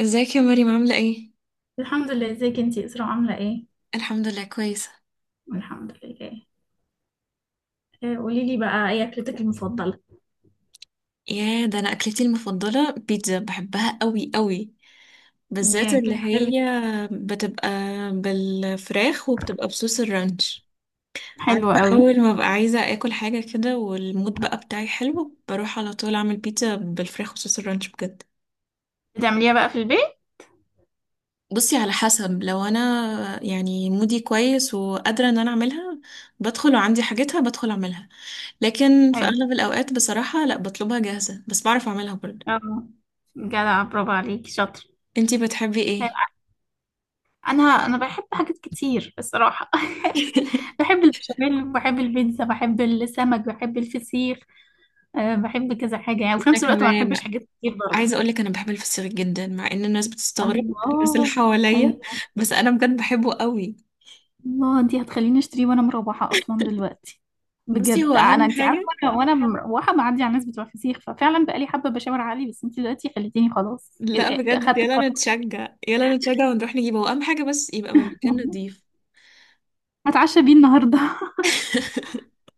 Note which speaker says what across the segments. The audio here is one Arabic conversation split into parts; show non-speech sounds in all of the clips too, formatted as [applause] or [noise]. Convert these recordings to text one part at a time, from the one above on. Speaker 1: ازيك يا مريم عاملة ايه؟
Speaker 2: الحمد لله، ازيك انتي اسراء؟ عامله ايه؟
Speaker 1: الحمد لله كويسة.
Speaker 2: الحمد لله. إيه، قولي لي بقى، ايه اكلتك المفضله؟
Speaker 1: يا ده انا اكلتي المفضلة بيتزا بحبها قوي قوي، بالذات
Speaker 2: ياك.
Speaker 1: اللي
Speaker 2: حلو.
Speaker 1: هي بتبقى بالفراخ وبتبقى بصوص الرانش. عارفة
Speaker 2: حلو قوي.
Speaker 1: اول ما ببقى عايزة اكل حاجة كده والمود بقى بتاعي حلو بروح على طول اعمل بيتزا بالفراخ وصوص الرانش بجد.
Speaker 2: بتعمليها بقى في البيت؟
Speaker 1: بصي، على حسب، لو انا يعني مودي كويس وقادرة ان انا اعملها، بدخل وعندي حاجتها بدخل اعملها. لكن في
Speaker 2: حلو.
Speaker 1: اغلب الاوقات بصراحة لا، بطلبها جاهزة، بس بعرف اعملها برضه.
Speaker 2: اه. جدع، برافو عليكي، شاطر.
Speaker 1: انتي بتحبي ايه؟
Speaker 2: انا بحب حاجات كتير الصراحه. [laughs]
Speaker 1: [laughs]
Speaker 2: بحب البشاميل، بحب البيتزا، بحب السمك، بحب الفسيخ. أه، بحب كذا حاجه يعني، وفي
Speaker 1: انا
Speaker 2: نفس الوقت ما بحبش
Speaker 1: كمان.
Speaker 2: حاجات كتير برضه.
Speaker 1: عايزة اقولك انا بحب الفسيخ جدا مع ان الناس بتستغرب، [laughs] الناس اللي
Speaker 2: الله.
Speaker 1: حواليا،
Speaker 2: ايوه.
Speaker 1: بس انا بجد بحبه قوي.
Speaker 2: الله، انتي هتخليني اشتريه وانا مروحه اصلا دلوقتي.
Speaker 1: بصي، هو
Speaker 2: بجد، انا
Speaker 1: اهم
Speaker 2: انتي عارفه،
Speaker 1: حاجة. [laughs]
Speaker 2: وانا مروحه معدي على الناس بتوع فسيخ، ففعلا بقالي حبه بشاور عليه، بس انتي دلوقتي خليتيني خلاص، إيه- ده،
Speaker 1: لا
Speaker 2: إيه،
Speaker 1: بجد،
Speaker 2: اخدت
Speaker 1: يلا
Speaker 2: القرار.
Speaker 1: نتشجع يلا نتشجع ونروح نجيبه، هو اهم حاجة، بس يبقى من مكان
Speaker 2: [laughs]
Speaker 1: نضيف.
Speaker 2: هتعشى بيه النهارده؟
Speaker 1: [laughs]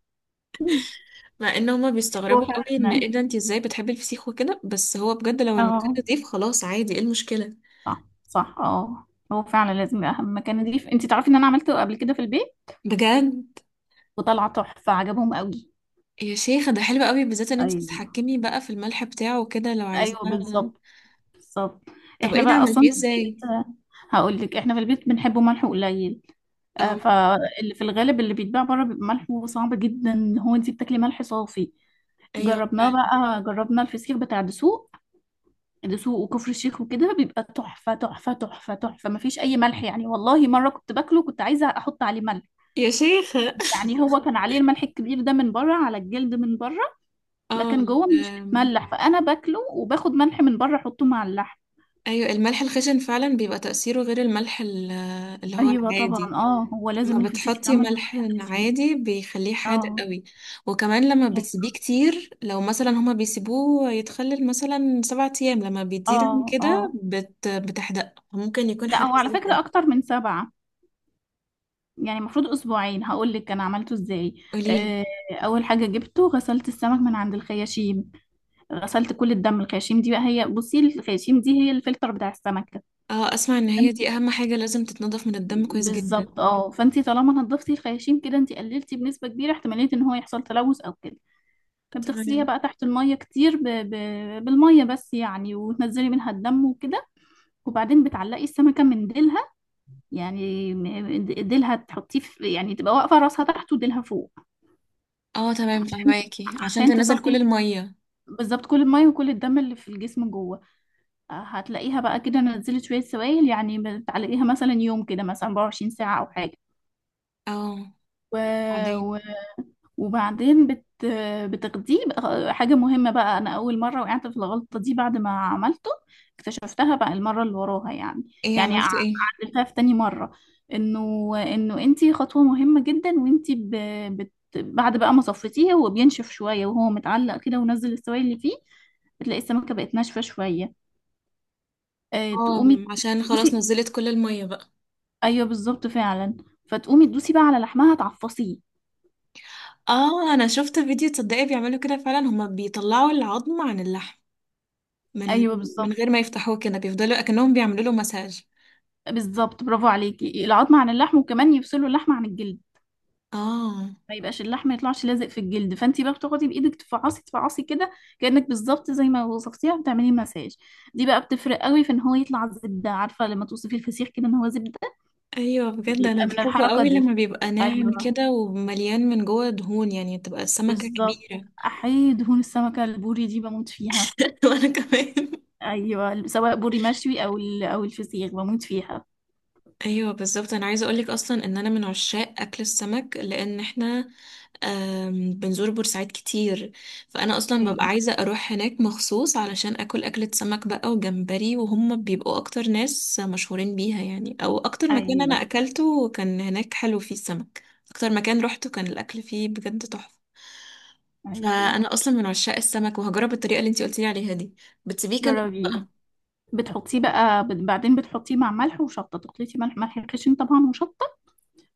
Speaker 2: [laughs]
Speaker 1: مع ان هما
Speaker 2: هو
Speaker 1: بيستغربوا قوي ان
Speaker 2: فعلا.
Speaker 1: ايه ده انتي ازاي بتحبي الفسيخ وكده، بس هو بجد لو المكان
Speaker 2: اه.
Speaker 1: نضيف خلاص عادي، ايه المشكلة؟
Speaker 2: صح، صح، اه. هو فعلا لازم اهم مكان نضيف. انتي تعرفي ان انا عملته قبل كده في البيت،
Speaker 1: بجد،
Speaker 2: وطلع تحفه، عجبهم قوي.
Speaker 1: يا شيخة ده حلو قوي، بالذات ان انت
Speaker 2: ايوه.
Speaker 1: تتحكمي بقى في الملح بتاعه وكده لو عايزاه.
Speaker 2: ايوه بالظبط. بالظبط.
Speaker 1: طب
Speaker 2: احنا
Speaker 1: ايه ده
Speaker 2: بقى
Speaker 1: عملتيه
Speaker 2: اصلا في البيت،
Speaker 1: ازاي؟
Speaker 2: هقول لك، احنا في البيت بنحبه ملح قليل.
Speaker 1: اه
Speaker 2: فاللي في الغالب اللي بيتباع بره بيبقى ملحه صعب جدا، ان هو انت بتاكلي ملح صافي.
Speaker 1: ايوه فعلا.
Speaker 2: جربنا الفسيخ بتاع دسوق. دسوق وكفر الشيخ وكده بيبقى تحفة تحفة تحفة تحفة، مفيش أي ملح يعني. والله مرة كنت باكله، كنت عايزة أحط عليه ملح.
Speaker 1: يا شيخة.
Speaker 2: يعني هو كان عليه الملح الكبير ده من بره، على الجلد من بره،
Speaker 1: اه.
Speaker 2: لكن جوه مش بتملح، فأنا باكله وباخد ملح من بره أحطه مع اللحم.
Speaker 1: ايوه الملح الخشن فعلا بيبقى تأثيره غير الملح اللي هو
Speaker 2: أيوة طبعا،
Speaker 1: العادي.
Speaker 2: اه، هو
Speaker 1: لما
Speaker 2: لازم الفسيخ
Speaker 1: بتحطي
Speaker 2: يتعمل
Speaker 1: ملح
Speaker 2: بملح خشن.
Speaker 1: عادي بيخليه حادق
Speaker 2: اه.
Speaker 1: قوي. وكمان لما بتسيبيه
Speaker 2: أيوة.
Speaker 1: كتير، لو مثلا هما بيسيبوه يتخلل مثلا سبعة ايام، لما بيزيد عن
Speaker 2: اه
Speaker 1: كده
Speaker 2: اه.
Speaker 1: بتحدق، ممكن يكون
Speaker 2: لا،
Speaker 1: حد
Speaker 2: هو على
Speaker 1: بسبب
Speaker 2: فكرة
Speaker 1: كده.
Speaker 2: أكتر من سبعة، يعني المفروض أسبوعين. هقول لك أنا عملته إزاي.
Speaker 1: قوليلي.
Speaker 2: آه، أول حاجة جبته، غسلت السمك من عند الخياشيم، غسلت كل الدم. الخياشيم دي بقى هي، بصي، الخياشيم دي هي الفلتر بتاع السمكة.
Speaker 1: اه، اسمع ان هي دي
Speaker 2: فأنت-
Speaker 1: اهم حاجة لازم تتنضف من الدم كويس جدا.
Speaker 2: بالظبط، اه، فأنتي طالما نضفتي الخياشيم كده، أنتي قللتي بنسبة كبيرة احتمالية إن هو يحصل تلوث أو كده. فبتغسليها
Speaker 1: تمام.
Speaker 2: بقى تحت المية كتير، بالمية بس يعني، وتنزلي منها الدم وكده. وبعدين بتعلقي السمكة من ديلها، يعني ديلها تحطيه في، يعني تبقى واقفة، راسها تحت وديلها فوق.
Speaker 1: اه تمام،
Speaker 2: عشان،
Speaker 1: فهماكي عشان تنزل كل
Speaker 2: تصفي
Speaker 1: المية.
Speaker 2: بالظبط كل المية وكل الدم اللي في الجسم جوه. هتلاقيها بقى كده نزلت شوية سوائل يعني، بتعلقيها مثلا يوم كده، مثلا 24 ساعة أو حاجة.
Speaker 1: اه،
Speaker 2: و...
Speaker 1: بعدين.
Speaker 2: وبعدين بت بتغذيه حاجة مهمة بقى، أنا أول مرة وقعت في الغلطة دي بعد ما عملته، اكتشفتها بقى المرة اللي وراها يعني.
Speaker 1: ايه
Speaker 2: يعني
Speaker 1: عملتي ايه؟
Speaker 2: عدلتها في تاني مرة. إنه أنتي خطوة مهمة جدا، وأنتي بعد بقى ما صفيتيه، هو بينشف شوية وهو متعلق كده ونزل السوائل اللي فيه، بتلاقي السمكة بقت ناشفة شوية.
Speaker 1: اه،
Speaker 2: تقومي
Speaker 1: عشان خلاص
Speaker 2: تدوسي.
Speaker 1: نزلت كل المية بقى.
Speaker 2: أيوه، بالظبط فعلا. فتقومي تدوسي بقى على لحمها، تعفصيه.
Speaker 1: اه انا شفت فيديو، تصدقي بيعملوا كده فعلا، هما بيطلعوا العظم عن اللحم من
Speaker 2: أيوه
Speaker 1: من
Speaker 2: بالظبط.
Speaker 1: غير ما يفتحوه كده، بيفضلوا اكنهم بيعملوا له مساج.
Speaker 2: بالظبط، برافو عليكي. العظم عن اللحم، وكمان يفصلوا اللحم عن الجلد،
Speaker 1: اه.
Speaker 2: ما يبقاش اللحم ما يطلعش لازق في الجلد. فانت بقى بتاخدي بايدك تفعصي تفعصي كده، كانك بالظبط زي ما وصفتيها بتعملي مساج. دي بقى بتفرق قوي في ان هو يطلع زبده. عارفه لما توصفي الفسيخ كده ان هو زبده،
Speaker 1: ايوه بجد انا
Speaker 2: بيبقى من
Speaker 1: بحبه
Speaker 2: الحركه
Speaker 1: قوي
Speaker 2: دي.
Speaker 1: لما بيبقى ناعم
Speaker 2: ايوه.
Speaker 1: كده ومليان من جوه دهون، يعني تبقى السمكة
Speaker 2: بالظبط.
Speaker 1: كبيرة.
Speaker 2: احيي دهون السمكه البوري دي، بموت فيها.
Speaker 1: [laughs] وانا كمان.
Speaker 2: ايوه، سواء بوري مشوي او او الفسيخ، بموت فيها.
Speaker 1: ايوه بالظبط، انا عايزه اقولك اصلا ان انا من عشاق اكل السمك، لان احنا بنزور بورسعيد كتير. فانا اصلا
Speaker 2: ايوه.
Speaker 1: ببقى عايزه اروح هناك مخصوص علشان اكل اكله سمك بقى وجمبري، وهم بيبقوا اكتر ناس مشهورين بيها يعني، او اكتر مكان انا
Speaker 2: ايوه.
Speaker 1: اكلته كان هناك حلو فيه السمك. اكتر مكان روحته كان الاكل فيه بجد تحفه.
Speaker 2: ايوه.
Speaker 1: فانا اصلا من عشاق السمك، وهجرب الطريقه اللي انتي قلتيلي عليها دي. بتسيبيه كمان
Speaker 2: جربي.
Speaker 1: بقى؟
Speaker 2: بتحطيه بقى، بعدين بتحطيه مع ملح وشطه، تخلطي ملح، خشن طبعا، وشطه.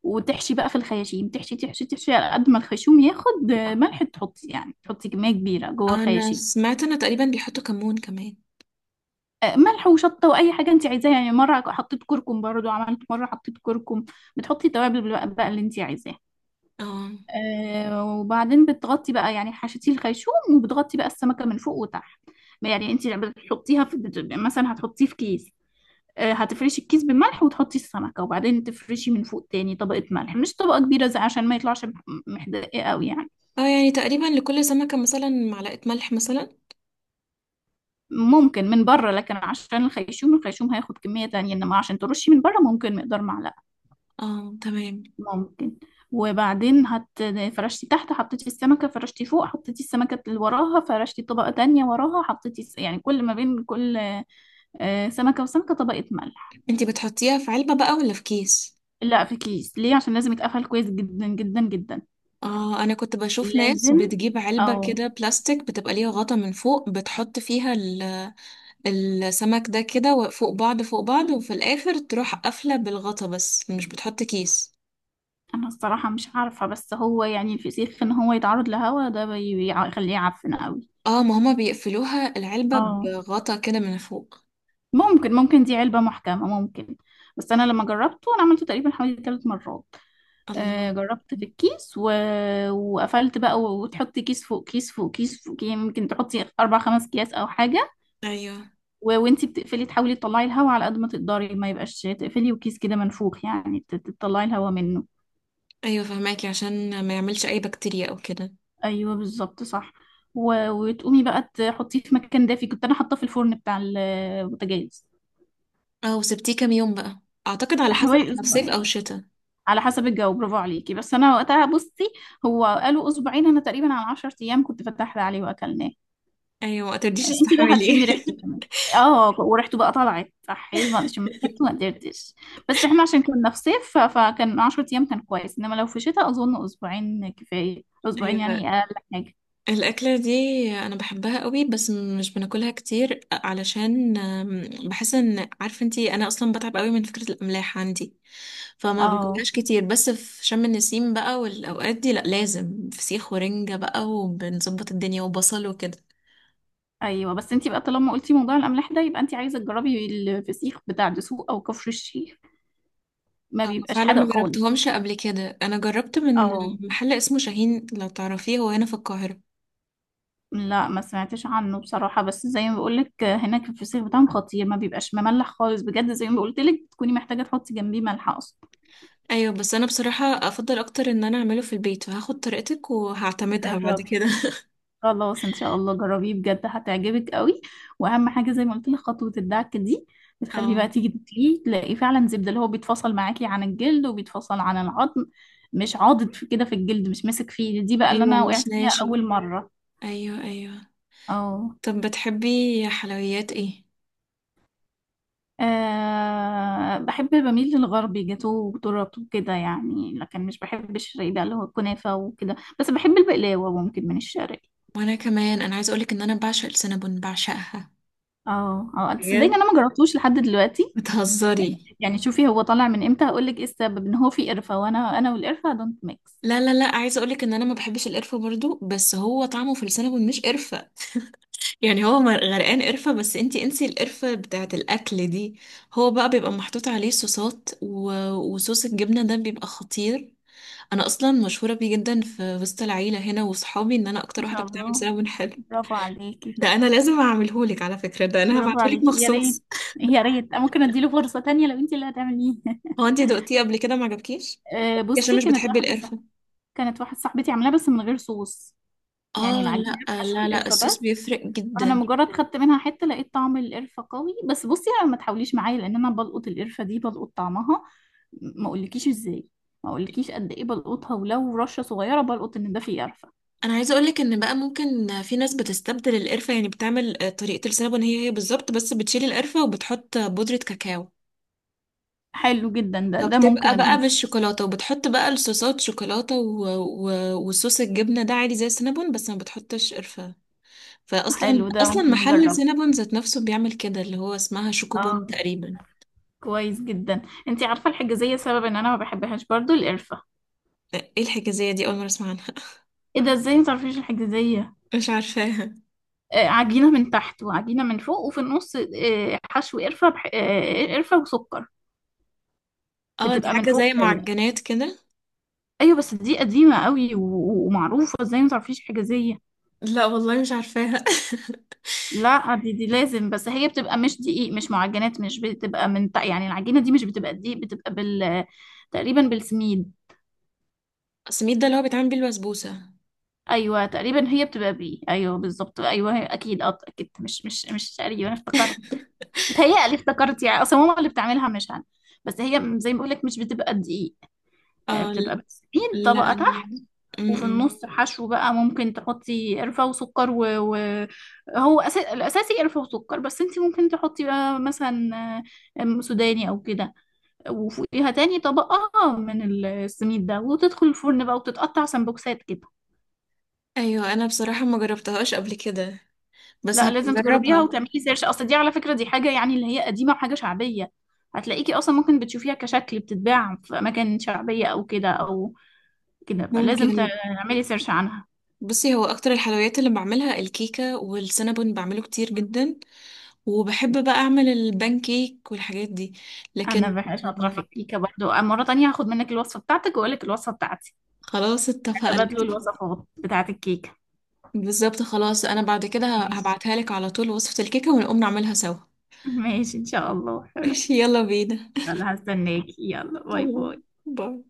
Speaker 2: وتحشي بقى في الخياشيم، تحشي تحشي تحشي على قد ما الخيشوم ياخد، ملح. يعني تحطي كميه كبيره جوه
Speaker 1: انا
Speaker 2: الخياشيم.
Speaker 1: سمعت انه تقريبا بيحطوا كمون كمان.
Speaker 2: ملح وشطه، واي حاجه انت عايزاها. يعني مره حطيت كركم برضو، عملت مره حطيت كركم. بتحطي التوابل بقى اللي انت عايزاها.
Speaker 1: اه.
Speaker 2: وبعدين بتغطي بقى، يعني حشتي الخيشوم، وبتغطي بقى السمكه من فوق وتحت. يعني انت بتحطيها في، مثلا هتحطيه في كيس. هتفرشي الكيس بملح وتحطي السمكة، وبعدين تفرشي من فوق تاني طبقة ملح، مش طبقة كبيرة زي، عشان ما يطلعش محدقة قوي يعني.
Speaker 1: اه، يعني تقريبا لكل سمكة مثلا معلقة ملح مثلا.
Speaker 2: ممكن من بره، لكن عشان الخيشوم، هياخد كمية تانية، انما عشان ترشي من بره ممكن مقدار معلقة.
Speaker 1: اه تمام.
Speaker 2: ممكن. وبعدين فرشتي تحت حطيتي السمكة، فرشتي فوق حطيتي السمكة اللي وراها، فرشتي طبقة تانية وراها حطيتي يعني كل ما بين كل سمكة وسمكة طبقة ملح.
Speaker 1: انتي بتحطيها في علبة بقى ولا في كيس؟
Speaker 2: لا، في كيس، ليه عشان لازم يتقفل كويس جدا جدا جدا.
Speaker 1: اه، انا كنت بشوف ناس
Speaker 2: لازم.
Speaker 1: بتجيب علبة
Speaker 2: او.
Speaker 1: كده بلاستيك بتبقى ليها غطا من فوق، بتحط فيها السمك ده كده فوق بعض فوق بعض، وفي الاخر تروح قافلة بالغطا، بس مش بتحط كيس.
Speaker 2: انا الصراحة مش عارفة، بس هو يعني الفسيخ ان هو يتعرض لهوا ده يخليه يعفن قوي.
Speaker 1: اه، ما هما بيقفلوها العلبة
Speaker 2: اه.
Speaker 1: بغطا كده من فوق.
Speaker 2: ممكن دي علبة محكمة، ممكن. بس انا لما جربته، انا عملته تقريبا حوالي 3 مرات. آه
Speaker 1: الله.
Speaker 2: جربت في الكيس، وقفلت بقى، وتحطي كيس فوق كيس فوق كيس فوق، يعني ممكن تحطي اربع خمس اكياس او حاجة.
Speaker 1: ايوه
Speaker 2: وانتي بتقفلي، تحاولي تطلعي الهوا على قد ما تقدري، ما يبقاش تقفلي وكيس كده منفوخ، يعني تطلعي الهوا منه.
Speaker 1: ايوه، فهماكي عشان ما يعملش اي بكتيريا او كده.
Speaker 2: ايوه بالظبط، صح. وتقومي بقى تحطيه في مكان دافي. كنت انا حاطاه في الفرن بتاع البوتاجاز.
Speaker 1: اه، وسبتيه كام يوم بقى؟ اعتقد على حسب
Speaker 2: حوالي
Speaker 1: احنا في صيف او
Speaker 2: اسبوعين،
Speaker 1: شتاء.
Speaker 2: على حسب الجو. برافو عليكي، بس انا وقتها بصي، هو قالوا اسبوعين، انا تقريبا على 10 ايام كنت، فتحنا عليه واكلناه.
Speaker 1: ايوه، ما ترديش
Speaker 2: انتي بقى هتشمي
Speaker 1: استحملي.
Speaker 2: ريحته كمان. اه وريحته بقى طلعت صحي، ما شميت ريحته، ما
Speaker 1: [laughs]
Speaker 2: قدرتش. بس احنا عشان كنا في صيف، فكان 10 ايام كان كويس، انما لو في شتاء اظن اسبوعين كفايه، اسبوعين
Speaker 1: ايوه.
Speaker 2: يعني اقل حاجه.
Speaker 1: الاكله دي انا بحبها قوي، بس مش بناكلها كتير علشان بحس ان، عارفه انتي، انا اصلا بتعب قوي من فكره الاملاح عندي. فما
Speaker 2: اه.
Speaker 1: باكلهاش كتير، بس في شم النسيم بقى والاوقات دي لا، لازم فسيخ ورنجه بقى، وبنظبط الدنيا وبصل وكده.
Speaker 2: ايوه بس انت بقى طالما قلتي موضوع الاملاح ده، يبقى انت عايزه تجربي الفسيخ بتاع دسوق او كفر الشيخ، ما بيبقاش
Speaker 1: فعلا
Speaker 2: حادق
Speaker 1: ما
Speaker 2: خالص.
Speaker 1: جربتهمش قبل كده. انا جربت من
Speaker 2: اه.
Speaker 1: محل اسمه شاهين، لو تعرفيه، هو هنا في القاهره.
Speaker 2: لا، ما سمعتش عنه بصراحه، بس زي ما بقولك هناك الفسيخ بتاعهم خطير، ما بيبقاش مملح خالص بجد، زي ما قلت لك تكوني محتاجه تحطي جنبيه ملح اصلا.
Speaker 1: ايوه، بس انا بصراحة افضل اكتر ان انا اعمله في البيت، فهاخد طريقتك وهعتمدها بعد
Speaker 2: جربي.
Speaker 1: كده.
Speaker 2: خلاص ان شاء الله جربيه بجد هتعجبك قوي، واهم حاجه زي ما قلت لك خطوه الدعك دي،
Speaker 1: [laughs]
Speaker 2: بتخليه
Speaker 1: اه.
Speaker 2: بقى تيجي تاكليه، تلاقي فعلا زبده، اللي هو بيتفصل معاكي عن الجلد وبيتفصل عن العظم، مش عاضد في كده في الجلد، مش ماسك فيه. دي بقى اللي
Speaker 1: ايوه
Speaker 2: انا وقعت
Speaker 1: مش
Speaker 2: فيها
Speaker 1: ناشف.
Speaker 2: اول مره.
Speaker 1: ايوه ايوه.
Speaker 2: اه.
Speaker 1: طب بتحبي حلويات ايه؟
Speaker 2: بحب بميل للغربي، جاتوه وتورت وكده يعني، لكن مش بحب الشرقي بقى اللي هو الكنافه وكده، بس بحب البقلاوه ممكن من الشرقي.
Speaker 1: وانا كمان، انا عايزه اقولك ان انا بعشق السينابون، بعشقها.
Speaker 2: اه اه، تصدقيني
Speaker 1: بجد،
Speaker 2: انا ما جربتوش لحد دلوقتي. يعني
Speaker 1: بتهزري؟
Speaker 2: شوفي هو طالع من امتى، هقول لك ايه السبب، ان هو في قرفه، وانا والقرفه دونت ميكس.
Speaker 1: لا لا لا، عايزه اقولك ان انا ما بحبش القرفه برضو، بس هو طعمه في السينابون مش قرفه. يعني هو غرقان قرفه، بس انتي انسي القرفه بتاعه الاكل دي. هو بقى بيبقى محطوط عليه صوصات وصوص الجبنه ده بيبقى خطير. انا اصلا مشهوره بيه جدا في وسط العيله هنا وصحابي ان انا
Speaker 2: ما
Speaker 1: اكتر
Speaker 2: شاء
Speaker 1: واحده بتعمل
Speaker 2: الله.
Speaker 1: سينابون حلو.
Speaker 2: برافو عليكي.
Speaker 1: ده انا لازم اعملهولك على فكره، ده انا
Speaker 2: برافو
Speaker 1: هبعتهولك
Speaker 2: عليكي، يا
Speaker 1: مخصوص.
Speaker 2: ريت. يا ريت، ممكن اديله فرصة تانية لو انت اللي هتعمليه. [laughs]
Speaker 1: هو انتي دقتيه قبل كده ما عجبكيش؟ عشان
Speaker 2: بصي،
Speaker 1: مش
Speaker 2: كانت
Speaker 1: بتحبي
Speaker 2: واحدة صح،
Speaker 1: القرفه.
Speaker 2: كانت واحدة صاحبتي عاملاها بس من غير صوص، يعني
Speaker 1: اه،
Speaker 2: العجينة
Speaker 1: لا
Speaker 2: بحشو
Speaker 1: لا لا،
Speaker 2: القرفة
Speaker 1: الصوص
Speaker 2: بس.
Speaker 1: بيفرق
Speaker 2: أنا
Speaker 1: جدا.
Speaker 2: مجرد خدت منها حتة، لقيت طعم القرفة قوي، بس بصي أنا ما تحاوليش معايا، لأن أنا بلقط القرفة دي، بلقط طعمها. ما أقولكيش إزاي، ما أقولكيش قد إيه بلقطها، ولو رشة صغيرة بلقط إن ده فيه قرفة.
Speaker 1: انا عايزه اقولك ان بقى ممكن في ناس بتستبدل القرفه، يعني بتعمل طريقه السينابون هي هي بالظبط، بس بتشيل القرفه وبتحط بودره كاكاو.
Speaker 2: حلو جدا ده ممكن
Speaker 1: فبتبقى
Speaker 2: اديله
Speaker 1: بقى
Speaker 2: فلوس.
Speaker 1: بالشوكولاته، وبتحط بقى الصوصات شوكولاته وصوص الجبنه ده عادي زي السينابون، بس ما بتحطش قرفه. فاصلا
Speaker 2: حلو ده ممكن
Speaker 1: محل
Speaker 2: اجربه.
Speaker 1: سينابون ذات نفسه بيعمل كده، اللي هو اسمها شوكوبون
Speaker 2: اه.
Speaker 1: تقريبا.
Speaker 2: كويس جدا. انتي عارفه الحجازيه؟ سبب ان انا ما بحبهاش برضو القرفه.
Speaker 1: ايه الحكايه دي؟ اول مره اسمع عنها. [laughs]
Speaker 2: ايه ده، ازاي ما تعرفيش الحجازيه؟
Speaker 1: مش عارفاها.
Speaker 2: عجينه من تحت وعجينه من فوق، وفي النص حشو قرفه، بح... آه قرفه وسكر.
Speaker 1: اه دي
Speaker 2: بتبقى من
Speaker 1: حاجه
Speaker 2: فوق
Speaker 1: زي
Speaker 2: آه.
Speaker 1: معجنات كده.
Speaker 2: ايوه بس دي قديمه قوي، ومعروفه، ازاي ما تعرفيش حجازيه؟
Speaker 1: لا والله مش عارفاها.
Speaker 2: لا، دي لازم. بس هي بتبقى مش دقيق، مش معجنات، مش بتبقى من تحت. يعني العجينه دي مش بتبقى دقيق، بتبقى تقريبا بالسميد.
Speaker 1: [laughs] سميد ده اللي هو بيتعمل بيه البسبوسه؟
Speaker 2: ايوه تقريبا هي بتبقى ايوه بالظبط، ايوه هي اكيد، اه اكيد، مش تقريبا، أنا افتكرت.
Speaker 1: [laughs]
Speaker 2: بتهيألي افتكرت، يعني اصلا ماما اللي بتعملها مش انا، بس هي زي ما بقول لك مش بتبقى دقيق.
Speaker 1: اه.
Speaker 2: بتبقى، بتسيب
Speaker 1: لا
Speaker 2: طبقه
Speaker 1: انا،
Speaker 2: تحت، وفي
Speaker 1: م-م.
Speaker 2: النص حشو بقى، ممكن تحطي قرفه وسكر هو الاساسي قرفه وسكر، بس انت ممكن تحطي بقى مثلا آه، آم، سوداني او كده، وفوقيها تاني طبقه من السميد ده، وتدخل الفرن بقى، وتتقطع سمبوكسات كده.
Speaker 1: ايوه، انا بصراحه ما جربتهاش قبل كده، بس
Speaker 2: لا،
Speaker 1: هبقى
Speaker 2: لازم تجربيها
Speaker 1: اجربها.
Speaker 2: وتعملي سيرش، اصل دي على فكرة دي حاجة يعني اللي هي قديمة، وحاجة شعبية. هتلاقيكي اصلا ممكن بتشوفيها كشكل بتتباع في اماكن شعبية او كده، او كده لازم
Speaker 1: ممكن.
Speaker 2: تعملي سيرش عنها.
Speaker 1: بصي هو اكتر الحلويات اللي بعملها الكيكه والسينابون، بعمله كتير جدا، وبحب بقى اعمل البان كيك والحاجات دي. لكن
Speaker 2: انا شاطرة
Speaker 1: آه،
Speaker 2: في الكيكة برضو، مرة تانية هاخد منك الوصفة بتاعتك، واقول لك الوصفة بتاعتي.
Speaker 1: خلاص اتفقنا.
Speaker 2: تبادلوا الوصفات بتاعت الكيكة.
Speaker 1: بالظبط خلاص، انا بعد كده
Speaker 2: ماشي.
Speaker 1: هبعتها لك على طول وصفة الكيكة، ونقوم نعملها سوا.
Speaker 2: ماشي ان شاء الله
Speaker 1: [laughs] ماشي
Speaker 2: حبيبتي.
Speaker 1: يلا بينا.
Speaker 2: يلا هستناكي، يلا
Speaker 1: [laughs]
Speaker 2: باي
Speaker 1: تمام.
Speaker 2: باي.
Speaker 1: باي